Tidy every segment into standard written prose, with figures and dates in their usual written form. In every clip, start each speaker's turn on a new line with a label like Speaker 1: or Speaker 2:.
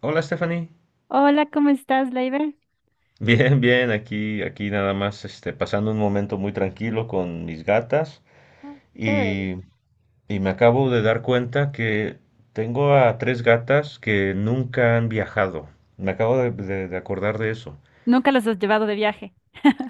Speaker 1: Hola, Stephanie.
Speaker 2: Hola, ¿cómo estás, Leiber?
Speaker 1: Bien, bien, aquí nada más, pasando un momento muy tranquilo con mis gatas y,
Speaker 2: Chévere.
Speaker 1: y me acabo de dar cuenta que tengo a tres gatas que nunca han viajado. Me acabo de acordar de eso.
Speaker 2: Nunca los has llevado de viaje.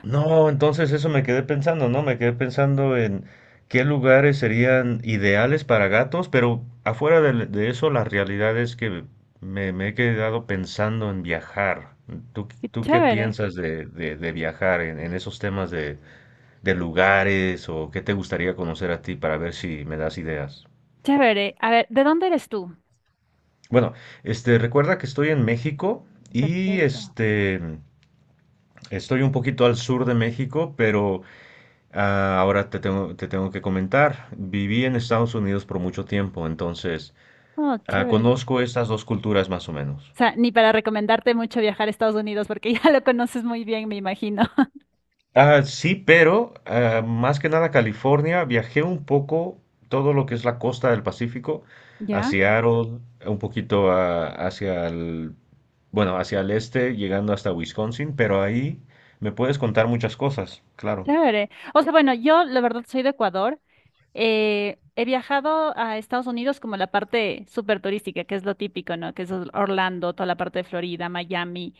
Speaker 1: No, entonces eso me quedé pensando, ¿no? Me quedé pensando en qué lugares serían ideales para gatos, pero afuera de eso, la realidad es que me he quedado pensando en viajar.
Speaker 2: Qué
Speaker 1: Tú qué
Speaker 2: chévere,
Speaker 1: piensas de viajar en esos temas de lugares o qué te gustaría conocer a ti para ver si me das ideas?
Speaker 2: chévere. A ver, ¿de dónde eres tú?
Speaker 1: Bueno, recuerda que estoy en México y
Speaker 2: Perfecto.
Speaker 1: estoy un poquito al sur de México, pero. Ah, ahora te tengo que comentar, viví en Estados Unidos por mucho tiempo, entonces
Speaker 2: Oh, chévere.
Speaker 1: conozco estas dos culturas más o menos.
Speaker 2: O sea, ni para recomendarte mucho viajar a Estados Unidos porque ya lo conoces muy bien, me imagino.
Speaker 1: Ah, sí, pero más que nada California, viajé un poco todo lo que es la costa del Pacífico, a
Speaker 2: ¿Ya?
Speaker 1: Seattle, un poquito hacia el este, llegando hasta Wisconsin, pero ahí me puedes contar muchas cosas, claro.
Speaker 2: Chévere. O sea, bueno, yo la verdad soy de Ecuador. He viajado a Estados Unidos como la parte súper turística, que es lo típico, ¿no? Que es Orlando, toda la parte de Florida, Miami,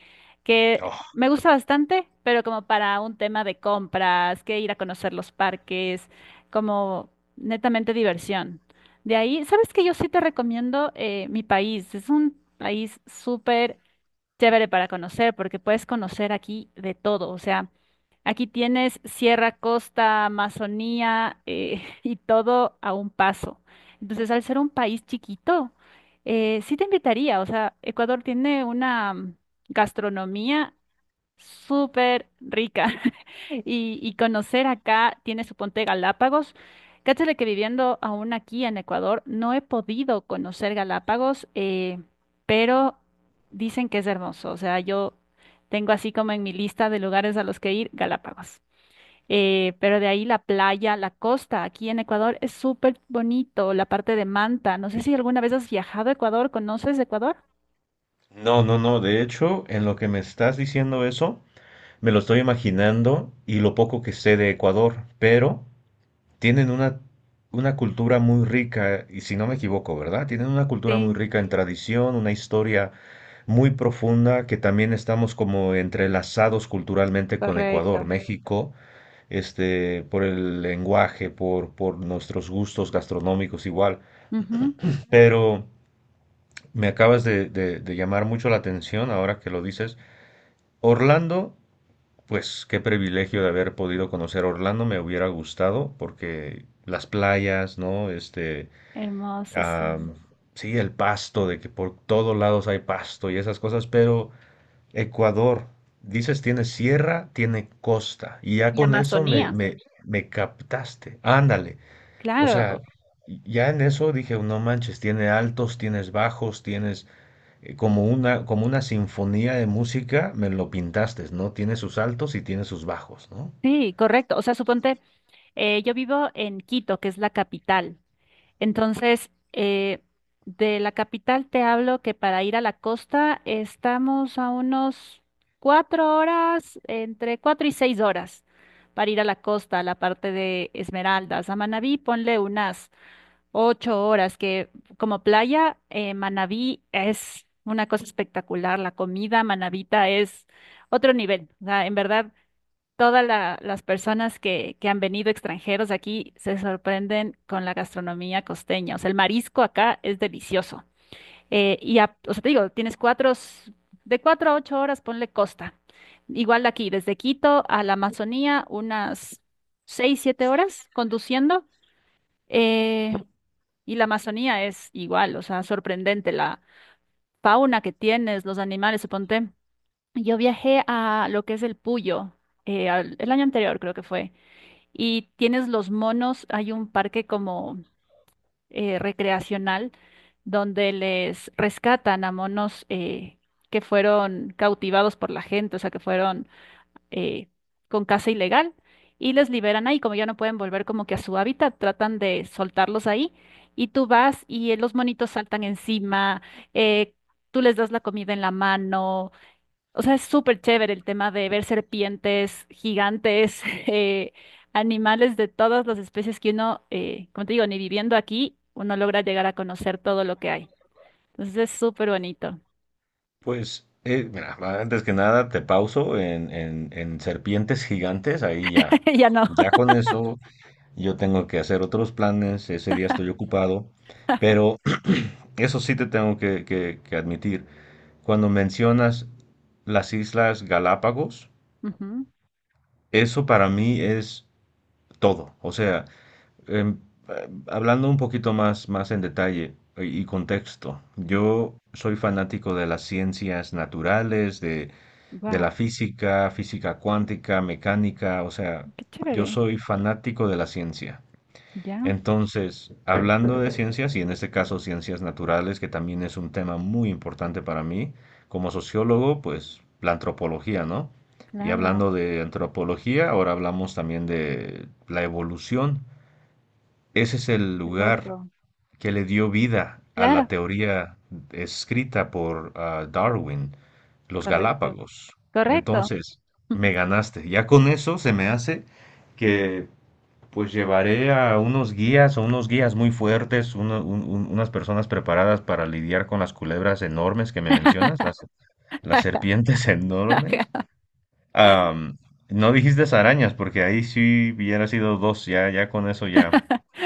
Speaker 2: que
Speaker 1: Oh,
Speaker 2: me gusta bastante, pero como para un tema de compras, que ir a conocer los parques, como netamente diversión. De ahí, ¿sabes qué? Yo sí te recomiendo mi país. Es un país súper chévere para conocer, porque puedes conocer aquí de todo. O sea, aquí tienes Sierra, Costa, Amazonía y todo a un paso. Entonces, al ser un país chiquito, sí te invitaría. O sea, Ecuador tiene una gastronomía súper rica. Y conocer acá, tiene su ponte Galápagos. Cáchale que viviendo aún aquí en Ecuador, no he podido conocer Galápagos, pero dicen que es hermoso. O sea, yo tengo así como en mi lista de lugares a los que ir, Galápagos. Pero de ahí la playa, la costa, aquí en Ecuador es súper bonito, la parte de Manta. No sé si alguna vez has viajado a Ecuador, ¿conoces Ecuador?
Speaker 1: no, no, no, de hecho, en lo que me estás diciendo eso. Me lo estoy imaginando y lo poco que sé de Ecuador, pero tienen una cultura muy rica, y si no me equivoco, ¿verdad? Tienen una cultura muy
Speaker 2: Sí.
Speaker 1: rica en tradición, una historia muy profunda, que también estamos como entrelazados culturalmente con Ecuador, México, por el lenguaje, por nuestros gustos gastronómicos igual.
Speaker 2: Ujú.
Speaker 1: Pero me acabas de llamar mucho la atención ahora que lo dices. Orlando. Pues qué privilegio de haber podido conocer Orlando, me hubiera gustado porque las playas, ¿no?
Speaker 2: Hermoso, sí.
Speaker 1: Am, sí, el pasto, de que por todos lados hay pasto y esas cosas, pero Ecuador, dices, tiene sierra, tiene costa, y ya
Speaker 2: Y
Speaker 1: con eso
Speaker 2: Amazonía.
Speaker 1: me captaste, ándale, o
Speaker 2: Claro,
Speaker 1: sea, ya en eso dije, no manches, tiene altos, tienes bajos, tienes como una, sinfonía de música, me lo pintaste, ¿no? Tiene sus altos y tiene sus bajos, ¿no?
Speaker 2: sí, correcto. O sea, suponte, yo vivo en Quito, que es la capital. Entonces, de la capital te hablo que para ir a la costa estamos a unos 4 horas, entre 4 y 6 horas, para ir a la costa, a la parte de Esmeraldas. A Manabí ponle unas 8 horas, que como playa, Manabí es una cosa espectacular. La comida manabita es otro nivel. O sea, en verdad todas las personas que han venido extranjeros aquí se sorprenden con la gastronomía costeña. O sea, el marisco acá es delicioso. Y, o sea, te digo, tienes cuatro, de 4 a 8 horas, ponle costa. Igual de aquí, desde Quito a la Amazonía, unas 6, 7 horas conduciendo. Eh, y la Amazonía es igual, o sea, sorprendente la fauna que tienes, los animales, suponte. Yo viajé a lo que es el Puyo, el año anterior creo que fue y tienes los monos, hay un parque como recreacional donde les rescatan a monos que fueron cautivados por la gente, o sea, que fueron eh, con caza ilegal y les liberan ahí, como ya no pueden volver como que a su hábitat, tratan de soltarlos ahí y tú vas y los monitos saltan encima, eh, tú les das la comida en la mano o sea, es súper chévere el tema de ver serpientes gigantes, animales de todas las especies que uno, como te digo, ni viviendo aquí, uno logra llegar a conocer todo lo que hay. Entonces es súper bonito.
Speaker 1: Pues, mira, antes que nada te pauso en serpientes gigantes, ahí ya.
Speaker 2: Ya no.
Speaker 1: Ya con eso yo tengo que hacer otros planes, ese día estoy ocupado, pero eso sí te tengo que admitir, cuando mencionas las Islas Galápagos, eso para mí es todo. O sea, em, hablando un poquito más en detalle y contexto, yo soy fanático de las ciencias naturales, de la
Speaker 2: Wow,
Speaker 1: física, física cuántica, mecánica, o sea,
Speaker 2: qué
Speaker 1: yo
Speaker 2: chévere.
Speaker 1: soy fanático de la ciencia.
Speaker 2: Ya,
Speaker 1: Entonces, hablando de ciencias, y en este caso ciencias naturales, que también es un tema muy importante para mí, como sociólogo, pues la antropología, ¿no? Y
Speaker 2: claro,
Speaker 1: hablando de antropología, ahora hablamos también de la evolución. Ese es el
Speaker 2: qué
Speaker 1: lugar
Speaker 2: loco.
Speaker 1: que le dio vida a la
Speaker 2: Claro,
Speaker 1: teoría escrita por Darwin, los
Speaker 2: correcto,
Speaker 1: Galápagos.
Speaker 2: correcto.
Speaker 1: Entonces, me ganaste. Ya con eso se me hace que pues llevaré a unos guías o unos guías muy fuertes, unas personas preparadas para lidiar con las culebras enormes que me mencionas, las serpientes enormes. Am, no dijiste arañas, porque ahí sí hubiera sido dos, ya, ya con eso ya.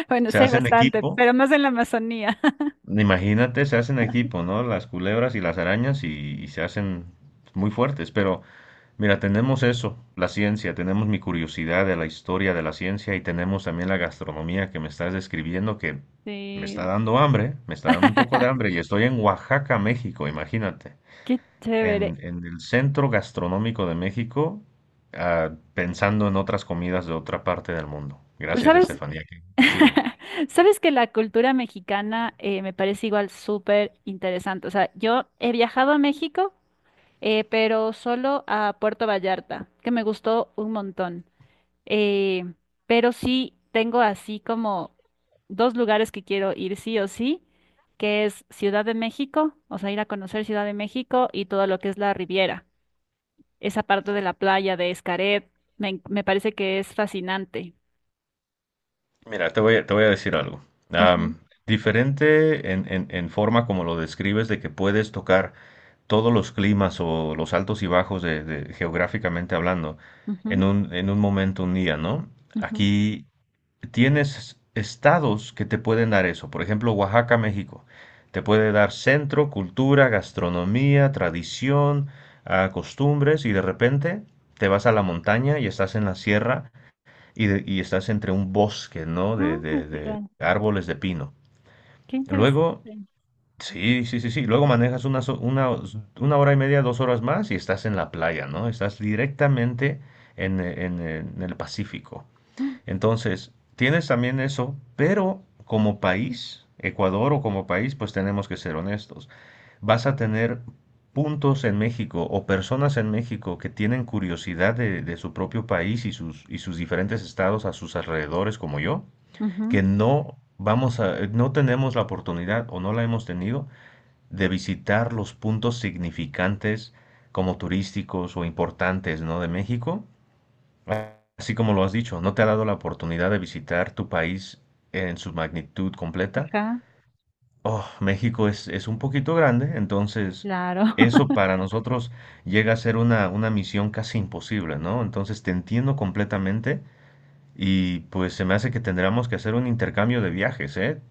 Speaker 2: Bueno,
Speaker 1: Se
Speaker 2: sí hay
Speaker 1: hacen
Speaker 2: bastante,
Speaker 1: equipo.
Speaker 2: pero más en la Amazonía.
Speaker 1: Imagínate, se hacen equipo, ¿no? Las culebras y las arañas y se hacen muy fuertes. Pero mira, tenemos eso, la ciencia, tenemos mi curiosidad de la historia de la ciencia y tenemos también la gastronomía que me estás describiendo que me está
Speaker 2: Sí.
Speaker 1: dando hambre, me está dando un poco de hambre y estoy en Oaxaca, México, imagínate.
Speaker 2: Qué chévere.
Speaker 1: En el centro gastronómico de México, pensando en otras comidas de otra parte del mundo.
Speaker 2: Pero
Speaker 1: Gracias,
Speaker 2: sabes,
Speaker 1: Estefanía, qué chido.
Speaker 2: sabes que la cultura mexicana me parece igual súper interesante. O sea, yo he viajado a México, pero solo a Puerto Vallarta, que me gustó un montón. Eh, pero sí tengo así como dos lugares que quiero ir sí o sí, que es Ciudad de México, o sea, ir a conocer Ciudad de México y todo lo que es la Riviera. Esa parte de la playa de Xcaret, me parece que es fascinante.
Speaker 1: Mira, te voy a decir algo.
Speaker 2: Ujú,
Speaker 1: Am, diferente en forma como lo describes de que puedes tocar todos los climas o los altos y bajos geográficamente hablando
Speaker 2: ujú,
Speaker 1: en un momento, un día, ¿no?
Speaker 2: ujú.
Speaker 1: Aquí tienes estados que te pueden dar eso. Por ejemplo, Oaxaca, México. Te puede dar centro, cultura, gastronomía, tradición, costumbres y de repente te vas a la montaña y estás en la sierra y estás entre un bosque, ¿no? De,
Speaker 2: No,
Speaker 1: de-
Speaker 2: es
Speaker 1: de
Speaker 2: igual.
Speaker 1: árboles de pino.
Speaker 2: Qué interesante.
Speaker 1: Luego, sí, sí, sí, sí. Luego manejas una hora y media, dos horas más y estás en la playa, ¿no? Estás directamente en el Pacífico.
Speaker 2: Ah,
Speaker 1: Entonces, tienes también eso, pero como país, Ecuador o como país, pues tenemos que ser honestos. Vas a tener puntos en México o personas en México que tienen curiosidad de su propio país y sus diferentes estados a sus alrededores, como yo, que
Speaker 2: ujú,
Speaker 1: no vamos a, no tenemos la oportunidad o no la hemos tenido de visitar los puntos significantes como turísticos o importantes, ¿no? De México. Así como lo has dicho, ¿no te ha dado la oportunidad de visitar tu país en su magnitud completa?
Speaker 2: ajá,
Speaker 1: Oh, México es un poquito grande, entonces
Speaker 2: claro.
Speaker 1: eso para nosotros llega a ser una misión casi imposible, ¿no? Entonces te entiendo completamente y pues se me hace que tendremos que hacer un intercambio de viajes, ¿eh?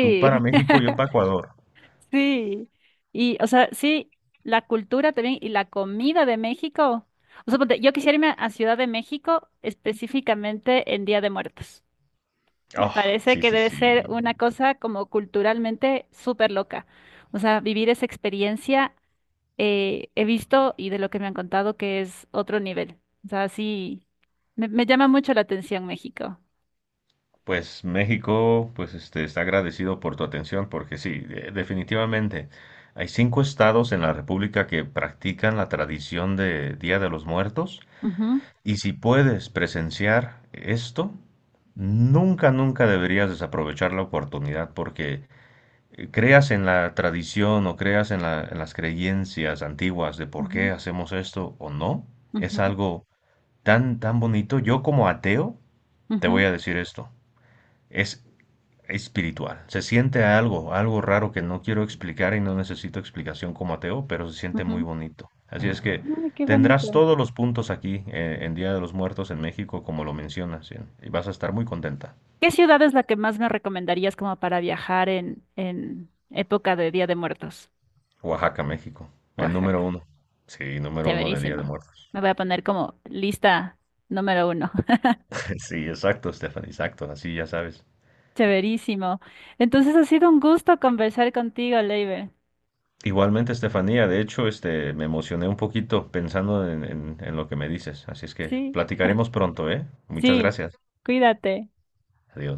Speaker 1: Tú para México, yo para Ecuador.
Speaker 2: sí. Y, o sea, sí, la cultura también y la comida de México. O sea, ponte, yo quisiera irme a Ciudad de México específicamente en Día de Muertos. Me
Speaker 1: Oh,
Speaker 2: parece
Speaker 1: sí,
Speaker 2: que
Speaker 1: sí,
Speaker 2: debe
Speaker 1: sí.
Speaker 2: ser una cosa como culturalmente súper loca. O sea, vivir esa experiencia he visto y de lo que me han contado que es otro nivel. O sea, sí, me llama mucho la atención México.
Speaker 1: Pues México, pues está agradecido por tu atención, porque sí, definitivamente hay 5 estados en la República que practican la tradición de Día de los Muertos,
Speaker 2: Ujú,
Speaker 1: y si puedes presenciar esto, nunca, nunca deberías desaprovechar la oportunidad, porque creas en la tradición o creas en las creencias antiguas de por
Speaker 2: ujú,
Speaker 1: qué hacemos esto o no, es
Speaker 2: ujú,
Speaker 1: algo tan, tan bonito. Yo como ateo, te voy
Speaker 2: ujú,
Speaker 1: a decir esto. Es espiritual. Se siente algo raro que no quiero explicar y no necesito explicación como ateo, pero se siente muy
Speaker 2: ujú.
Speaker 1: bonito. Así es que
Speaker 2: Ay, qué
Speaker 1: tendrás
Speaker 2: bonito.
Speaker 1: todos los puntos aquí en Día de los Muertos en México, como lo mencionas, y vas a estar muy contenta.
Speaker 2: ¿Qué ciudad es la que más me recomendarías como para viajar en, época de Día de Muertos?
Speaker 1: Oaxaca, México, el número
Speaker 2: Oaxaca.
Speaker 1: uno. Sí, número uno de Día de
Speaker 2: Chéverísimo.
Speaker 1: Muertos.
Speaker 2: Me voy a poner como lista n.º 1.
Speaker 1: Sí, exacto, Stephanie, exacto, así ya sabes.
Speaker 2: Chéverísimo. Entonces ha sido un gusto conversar contigo, Leiber.
Speaker 1: Igualmente, Estefanía, de hecho, me emocioné un poquito pensando en lo que me dices, así es que
Speaker 2: Sí,
Speaker 1: platicaremos pronto, ¿eh? Muchas
Speaker 2: sí.
Speaker 1: gracias.
Speaker 2: Cuídate.
Speaker 1: Adiós.